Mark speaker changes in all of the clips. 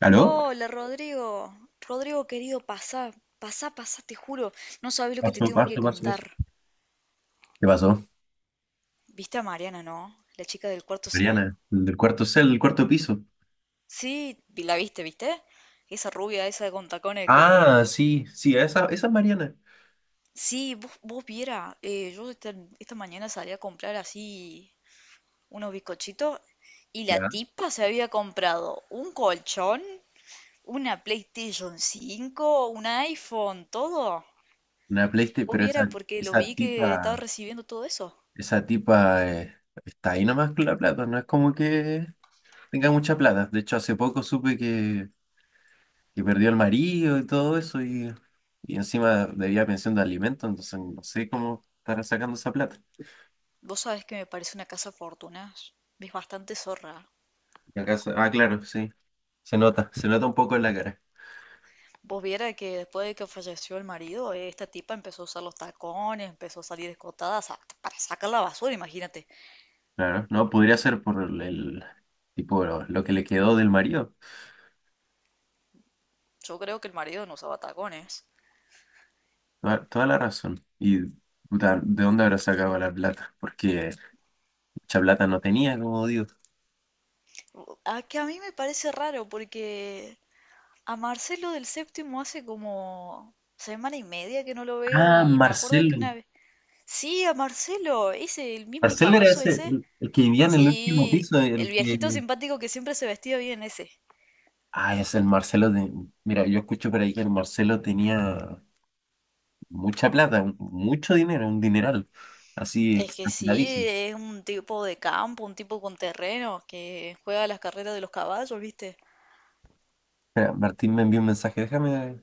Speaker 1: ¿Aló?
Speaker 2: Hola Rodrigo, Rodrigo querido, pasá, pasá, pasá, te juro, no sabes lo que te
Speaker 1: Pasó,
Speaker 2: tengo que
Speaker 1: pasó, pasó
Speaker 2: contar.
Speaker 1: eso. ¿Qué pasó?
Speaker 2: ¿Viste a Mariana, no? La chica del cuarto C.
Speaker 1: Mariana, el cuarto piso.
Speaker 2: Sí, la viste, ¿viste? Esa rubia, esa con tacones
Speaker 1: Ah,
Speaker 2: que...
Speaker 1: sí, sí, esa es Mariana.
Speaker 2: Sí, vos viera, esta mañana salí a comprar así unos bizcochitos y la
Speaker 1: Ya.
Speaker 2: tipa se había comprado un colchón, una PlayStation 5, un iPhone, todo.
Speaker 1: Una PlayStation,
Speaker 2: Vos
Speaker 1: pero esa,
Speaker 2: viera porque lo
Speaker 1: esa
Speaker 2: vi que estaba
Speaker 1: tipa,
Speaker 2: recibiendo todo eso.
Speaker 1: esa tipa está ahí nomás con la plata, no es como que tenga mucha plata. De hecho, hace poco supe que perdió el marido y todo eso y encima debía pensión de alimento, entonces no sé cómo estará sacando esa plata.
Speaker 2: Vos sabés que me parece una casa de fortunas. Es bastante zorra.
Speaker 1: Claro, sí, se nota un poco en la cara.
Speaker 2: Vos viera que después de que falleció el marido, esta tipa empezó a usar los tacones, empezó a salir escotada para sacar la basura, imagínate.
Speaker 1: Claro, no, podría ser por tipo lo que le quedó del marido.
Speaker 2: Yo creo que el marido no usaba tacones.
Speaker 1: Toda, toda la razón. Y puta, ¿de dónde habrá sacado la plata? Porque mucha plata no tenía, como digo.
Speaker 2: A que a mí me parece raro porque a Marcelo del Séptimo hace como semana y media que no lo veo
Speaker 1: Ah,
Speaker 2: y me acuerdo que
Speaker 1: Marcelo.
Speaker 2: una vez... Sí, a Marcelo, ese, el mismo
Speaker 1: Marcelo era
Speaker 2: canoso
Speaker 1: ese,
Speaker 2: ese.
Speaker 1: el que vivía en el último
Speaker 2: Sí,
Speaker 1: piso,
Speaker 2: el
Speaker 1: el
Speaker 2: viejito
Speaker 1: que.
Speaker 2: simpático que siempre se vestía bien ese.
Speaker 1: Ah, es el Marcelo de. Mira, yo escucho por ahí que el Marcelo tenía mucha plata, mucho dinero, un dineral. Así
Speaker 2: Es que
Speaker 1: exageradísimo.
Speaker 2: sí, es un tipo de campo, un tipo con terreno que juega las carreras de los caballos, ¿viste?
Speaker 1: Espera, Martín me envió un mensaje, déjame.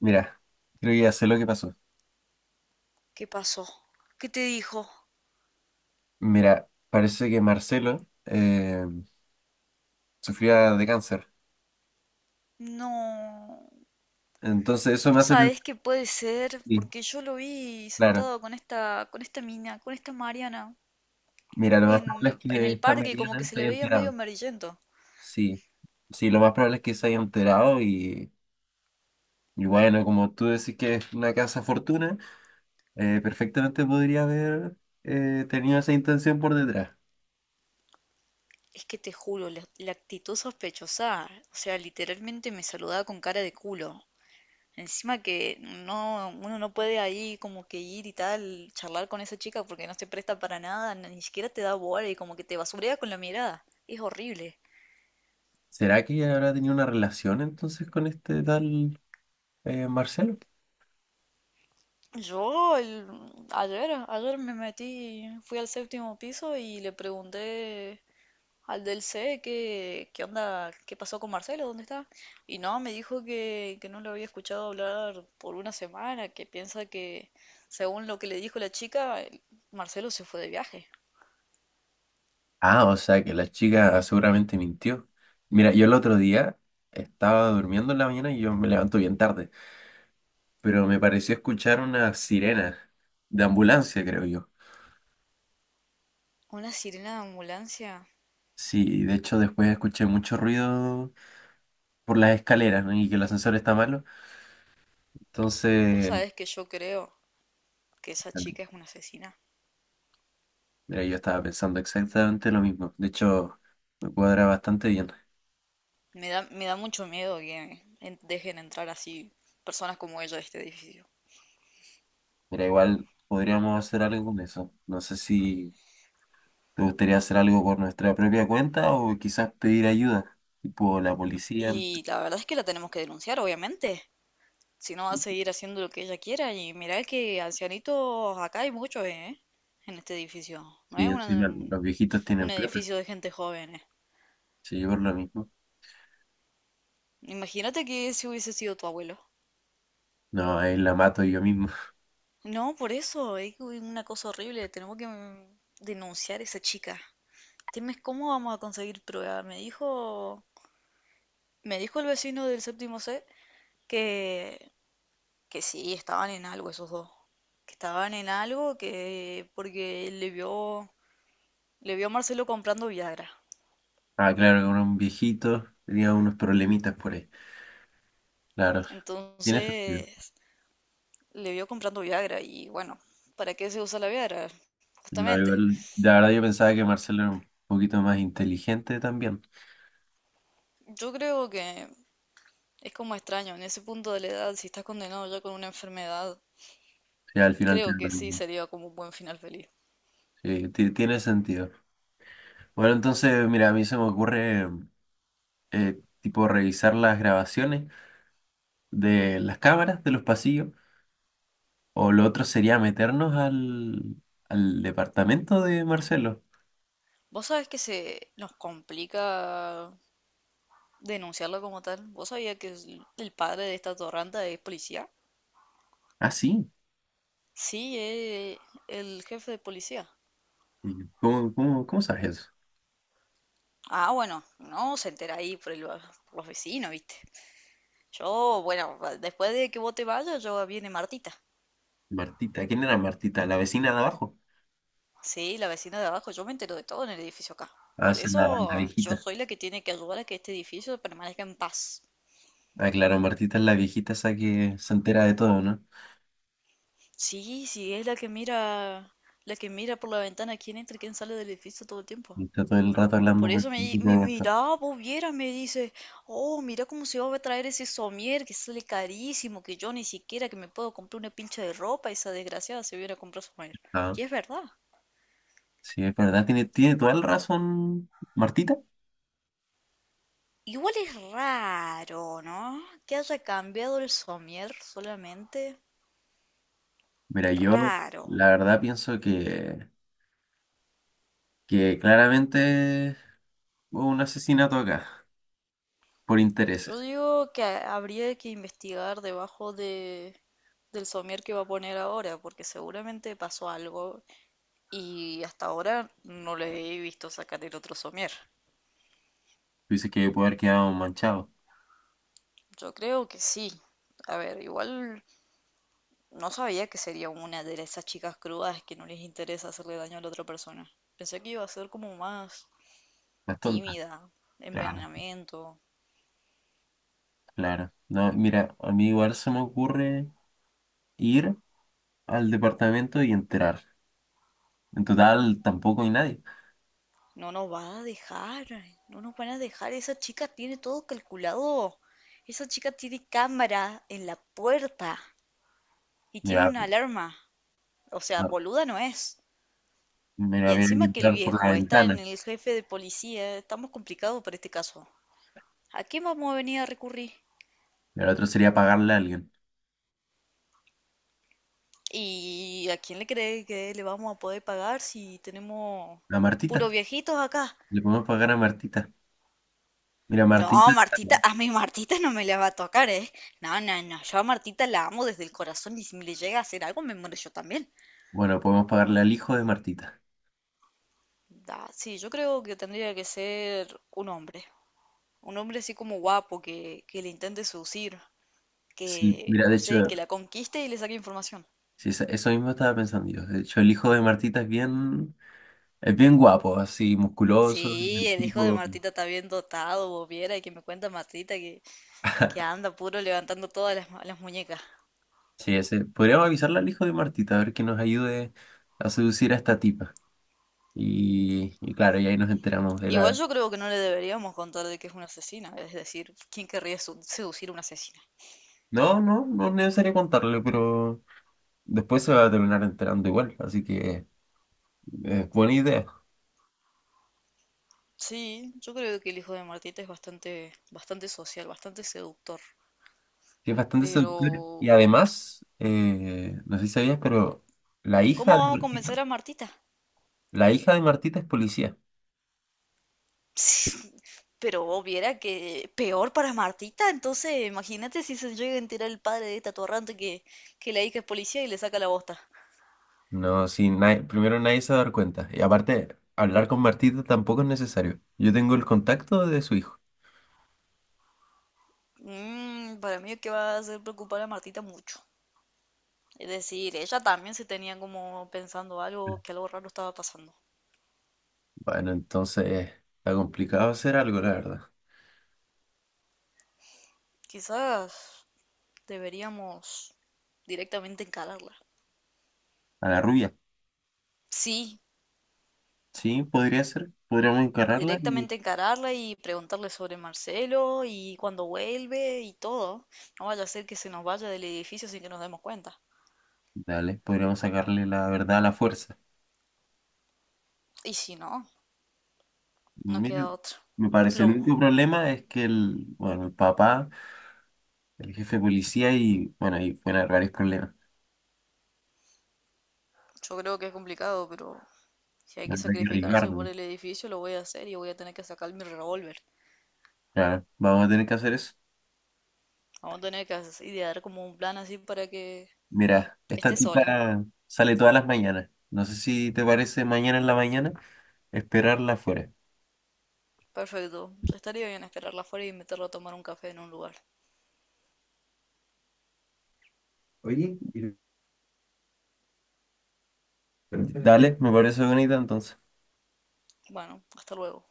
Speaker 1: Mira, creo que ya sé lo que pasó.
Speaker 2: ¿Qué pasó? ¿Qué te dijo?
Speaker 1: Mira, parece que Marcelo sufría de cáncer.
Speaker 2: No,
Speaker 1: Entonces eso me
Speaker 2: vos
Speaker 1: hace... pensar.
Speaker 2: sabés que puede ser,
Speaker 1: Sí,
Speaker 2: porque yo lo vi
Speaker 1: claro.
Speaker 2: sentado con esta mina, con esta Mariana,
Speaker 1: Mira, lo más probable es
Speaker 2: en
Speaker 1: que
Speaker 2: el
Speaker 1: esta
Speaker 2: parque, y como que
Speaker 1: Mariana
Speaker 2: se
Speaker 1: se
Speaker 2: le
Speaker 1: haya
Speaker 2: veía medio
Speaker 1: enterado.
Speaker 2: amarillento.
Speaker 1: Sí, sí, lo más probable es que se haya enterado y bueno, como tú decís que es una casa fortuna, perfectamente podría haber tenido esa intención por detrás.
Speaker 2: Es que te juro, la actitud sospechosa, o sea, literalmente me saludaba con cara de culo. Encima que no, uno no puede ahí como que ir y tal, charlar con esa chica porque no se presta para nada, ni siquiera te da bola y como que te basurea con la mirada. Es horrible.
Speaker 1: ¿Será que ella habrá tenido una relación entonces con este tal Marcelo?
Speaker 2: Yo el- ayer, ayer me metí, fui al séptimo piso y le pregunté al del C qué onda, qué pasó con Marcelo, dónde está. Y no, me dijo que no lo había escuchado hablar por una semana, que piensa que según lo que le dijo la chica, Marcelo se fue de viaje.
Speaker 1: Ah, o sea que la chica seguramente mintió. Mira, yo el otro día estaba durmiendo en la mañana y yo me levanto bien tarde, pero me pareció escuchar una sirena de ambulancia, creo yo.
Speaker 2: Una sirena de ambulancia.
Speaker 1: Sí, de hecho después escuché mucho ruido por las escaleras, ¿no? Y que el ascensor está malo. Entonces,
Speaker 2: Vos sabés que yo creo que esa chica es una asesina.
Speaker 1: mira, yo estaba pensando exactamente lo mismo. De hecho, me cuadra bastante bien.
Speaker 2: Me da mucho miedo que dejen entrar así personas como ella a este edificio.
Speaker 1: Mira, igual podríamos hacer algo con eso. No sé si... ¿Te gustaría hacer algo por nuestra propia cuenta o quizás pedir ayuda? Tipo la policía,
Speaker 2: Y la verdad es que la tenemos que denunciar, obviamente. Si no, va a seguir haciendo lo que ella quiera. Y mirá que ancianitos acá hay muchos, ¿eh? En este edificio. No
Speaker 1: sí,
Speaker 2: es una-
Speaker 1: encima los viejitos tienen
Speaker 2: un
Speaker 1: plata.
Speaker 2: edificio de gente joven, ¿eh?
Speaker 1: Sí, yo por lo mismo.
Speaker 2: Imagínate que si hubiese sido tu abuelo.
Speaker 1: No, ahí la mato yo mismo.
Speaker 2: No, por eso, es una cosa horrible. Tenemos que denunciar a esa chica. Dime, ¿cómo vamos a conseguir prueba? Me dijo el vecino del séptimo C que, que sí, estaban en algo esos dos. Que estaban en algo que porque le vio a Marcelo comprando Viagra.
Speaker 1: Ah, claro, con un viejito tenía unos problemitas por ahí. Claro, tiene sentido.
Speaker 2: Entonces, le vio comprando Viagra y bueno, ¿para qué se usa la Viagra?
Speaker 1: No,
Speaker 2: Justamente.
Speaker 1: igual, la verdad yo pensaba que Marcelo era un poquito más inteligente también.
Speaker 2: Yo creo que es como extraño, en ese punto de la edad, si estás condenado ya con una enfermedad,
Speaker 1: Sí, al final
Speaker 2: creo
Speaker 1: tiene lo
Speaker 2: que sí
Speaker 1: mismo.
Speaker 2: sería como un buen final feliz.
Speaker 1: Sí, tiene sentido. Bueno, entonces, mira, a mí se me ocurre, tipo, revisar las grabaciones de las cámaras de los pasillos. O lo otro sería meternos al departamento de Marcelo.
Speaker 2: Vos sabés que se nos complica denunciarlo como tal. ¿Vos sabías que el padre de esta torranta es policía?
Speaker 1: Ah, sí.
Speaker 2: Sí, es el jefe de policía.
Speaker 1: ¿Y cómo, cómo, cómo sabes eso?
Speaker 2: Ah, bueno, no se entera ahí por los vecinos, ¿viste? Yo, bueno, después de que vos te vayas, yo viene Martita.
Speaker 1: Martita. ¿Quién era Martita? ¿La vecina de abajo?
Speaker 2: Sí, la vecina de abajo, yo me entero de todo en el edificio acá.
Speaker 1: Ah,
Speaker 2: Por
Speaker 1: esa es la
Speaker 2: eso yo
Speaker 1: viejita.
Speaker 2: soy la que tiene que ayudar a que este edificio permanezca en paz.
Speaker 1: Ah, claro, Martita es la viejita esa que se entera de todo, ¿no?
Speaker 2: Sí, sí, es la que mira por la ventana quién entra y quién sale del edificio todo el tiempo.
Speaker 1: Y está todo el rato hablando
Speaker 2: Por
Speaker 1: por el
Speaker 2: eso
Speaker 1: grupo de WhatsApp.
Speaker 2: mira, vos vieras, me dice, oh, mira cómo se va a traer ese somier que sale carísimo, que yo ni siquiera que me puedo comprar una pincha de ropa, esa desgraciada se viene a comprar somier.
Speaker 1: Ah,
Speaker 2: Y es verdad.
Speaker 1: sí, es verdad. Tiene, tiene toda la razón, Martita.
Speaker 2: Igual es raro, ¿no? Que haya cambiado el somier solamente.
Speaker 1: Mira, yo
Speaker 2: Raro.
Speaker 1: la verdad pienso que claramente hubo un asesinato acá por
Speaker 2: Yo
Speaker 1: intereses.
Speaker 2: digo que habría que investigar del somier que va a poner ahora, porque seguramente pasó algo y hasta ahora no le he visto sacar el otro somier.
Speaker 1: Tú dices que puede haber quedado manchado.
Speaker 2: Yo creo que sí. A ver, igual no sabía que sería una de esas chicas crudas que no les interesa hacerle daño a la otra persona. Pensé que iba a ser como más
Speaker 1: Las tontas.
Speaker 2: tímida,
Speaker 1: Claro,
Speaker 2: envenenamiento.
Speaker 1: claro. No, mira, a mí igual se me ocurre ir al departamento y entrar. En total, tampoco hay nadie.
Speaker 2: No nos va a dejar, no nos van a dejar. Esa chica tiene todo calculado. Esa chica tiene cámara en la puerta y tiene
Speaker 1: Mira,
Speaker 2: una alarma. O sea,
Speaker 1: a-
Speaker 2: boluda no es.
Speaker 1: mira,
Speaker 2: Y
Speaker 1: había que
Speaker 2: encima que el
Speaker 1: entrar por la
Speaker 2: viejo está
Speaker 1: ventana.
Speaker 2: en el jefe de policía, estamos complicados para este caso. ¿A quién vamos a venir a recurrir?
Speaker 1: Y el otro sería pagarle a alguien.
Speaker 2: ¿Y a quién le cree que le vamos a poder pagar si tenemos
Speaker 1: A
Speaker 2: puros
Speaker 1: Martita.
Speaker 2: viejitos acá?
Speaker 1: Le podemos pagar a Martita. Mira,
Speaker 2: No,
Speaker 1: Martita.
Speaker 2: Martita, a mi Martita no me la va a tocar, ¿eh? No, no, no, yo a Martita la amo desde el corazón y si me le llega a hacer algo me muero yo también.
Speaker 1: Bueno, podemos pagarle al hijo de Martita.
Speaker 2: Da, sí, yo creo que tendría que ser un hombre así como guapo que le intente seducir,
Speaker 1: Sí,
Speaker 2: que,
Speaker 1: mira, de
Speaker 2: no
Speaker 1: hecho,
Speaker 2: sé, que la conquiste y le saque información.
Speaker 1: sí, eso mismo estaba pensando yo. De hecho, el hijo de Martita es bien guapo, así, musculoso,
Speaker 2: Sí,
Speaker 1: el
Speaker 2: el hijo de
Speaker 1: tipo.
Speaker 2: Martita está bien dotado, vos viera, y que me cuenta Martita que anda puro levantando todas las muñecas.
Speaker 1: Sí, ese. Podríamos avisarle al hijo de Martita, a ver que nos ayude a seducir a esta tipa. Y claro, y ahí nos enteramos de
Speaker 2: Igual
Speaker 1: la...
Speaker 2: yo creo que no le deberíamos contar de que es una asesina, es decir, ¿quién querría seducir a una asesina?
Speaker 1: No, no, no es necesario contarle, pero después se va a terminar enterando igual. Así que es buena idea.
Speaker 2: Sí, yo creo que el hijo de Martita es bastante, bastante social, bastante seductor.
Speaker 1: Sí, es bastante
Speaker 2: Pero,
Speaker 1: seductor. Y además, no sé si sabías, pero la hija
Speaker 2: ¿cómo
Speaker 1: de
Speaker 2: vamos a
Speaker 1: Martita,
Speaker 2: convencer a Martita?
Speaker 1: la hija de Martita es policía.
Speaker 2: Pero vos viera que peor para Martita, entonces imagínate si se llega a enterar el padre de esta atorrante que la hija es policía y le saca la bosta.
Speaker 1: No, sí, primero nadie se va a dar cuenta. Y aparte, hablar con Martita tampoco es necesario. Yo tengo el contacto de su hijo.
Speaker 2: Mm, para mí es que va a hacer preocupar a Martita mucho. Es decir, ella también se tenía como pensando algo, que algo raro estaba pasando.
Speaker 1: Bueno, entonces está complicado hacer algo, la verdad.
Speaker 2: Quizás deberíamos directamente encararla.
Speaker 1: A la rubia,
Speaker 2: Sí,
Speaker 1: sí, podría ser. Podríamos encararla y
Speaker 2: directamente encararla y preguntarle sobre Marcelo y cuando vuelve y todo. No vaya a ser que se nos vaya del edificio sin que nos demos cuenta.
Speaker 1: dale, podríamos sacarle la verdad a la fuerza.
Speaker 2: Y si no, no
Speaker 1: Mira,
Speaker 2: queda otra.
Speaker 1: me parece el
Speaker 2: Plomo.
Speaker 1: único problema es que el, bueno, el papá, el jefe de policía y, bueno, ahí pueden haber varios problemas.
Speaker 2: Yo creo que es complicado, pero si hay que
Speaker 1: Habrá que
Speaker 2: sacrificarse por
Speaker 1: arriesgarnos.
Speaker 2: el edificio, lo voy a hacer y voy a tener que sacar mi revólver.
Speaker 1: Claro, vamos a tener que hacer eso.
Speaker 2: Vamos a tener que idear como un plan así para que
Speaker 1: Mira, esta
Speaker 2: esté sola.
Speaker 1: tipa sale todas las mañanas. No sé si te parece mañana en la mañana esperarla afuera.
Speaker 2: Perfecto. Estaría bien esperarla afuera y invitarla a tomar un café en un lugar.
Speaker 1: Oye, y- Dale, me parece bonita entonces.
Speaker 2: Bueno, hasta luego.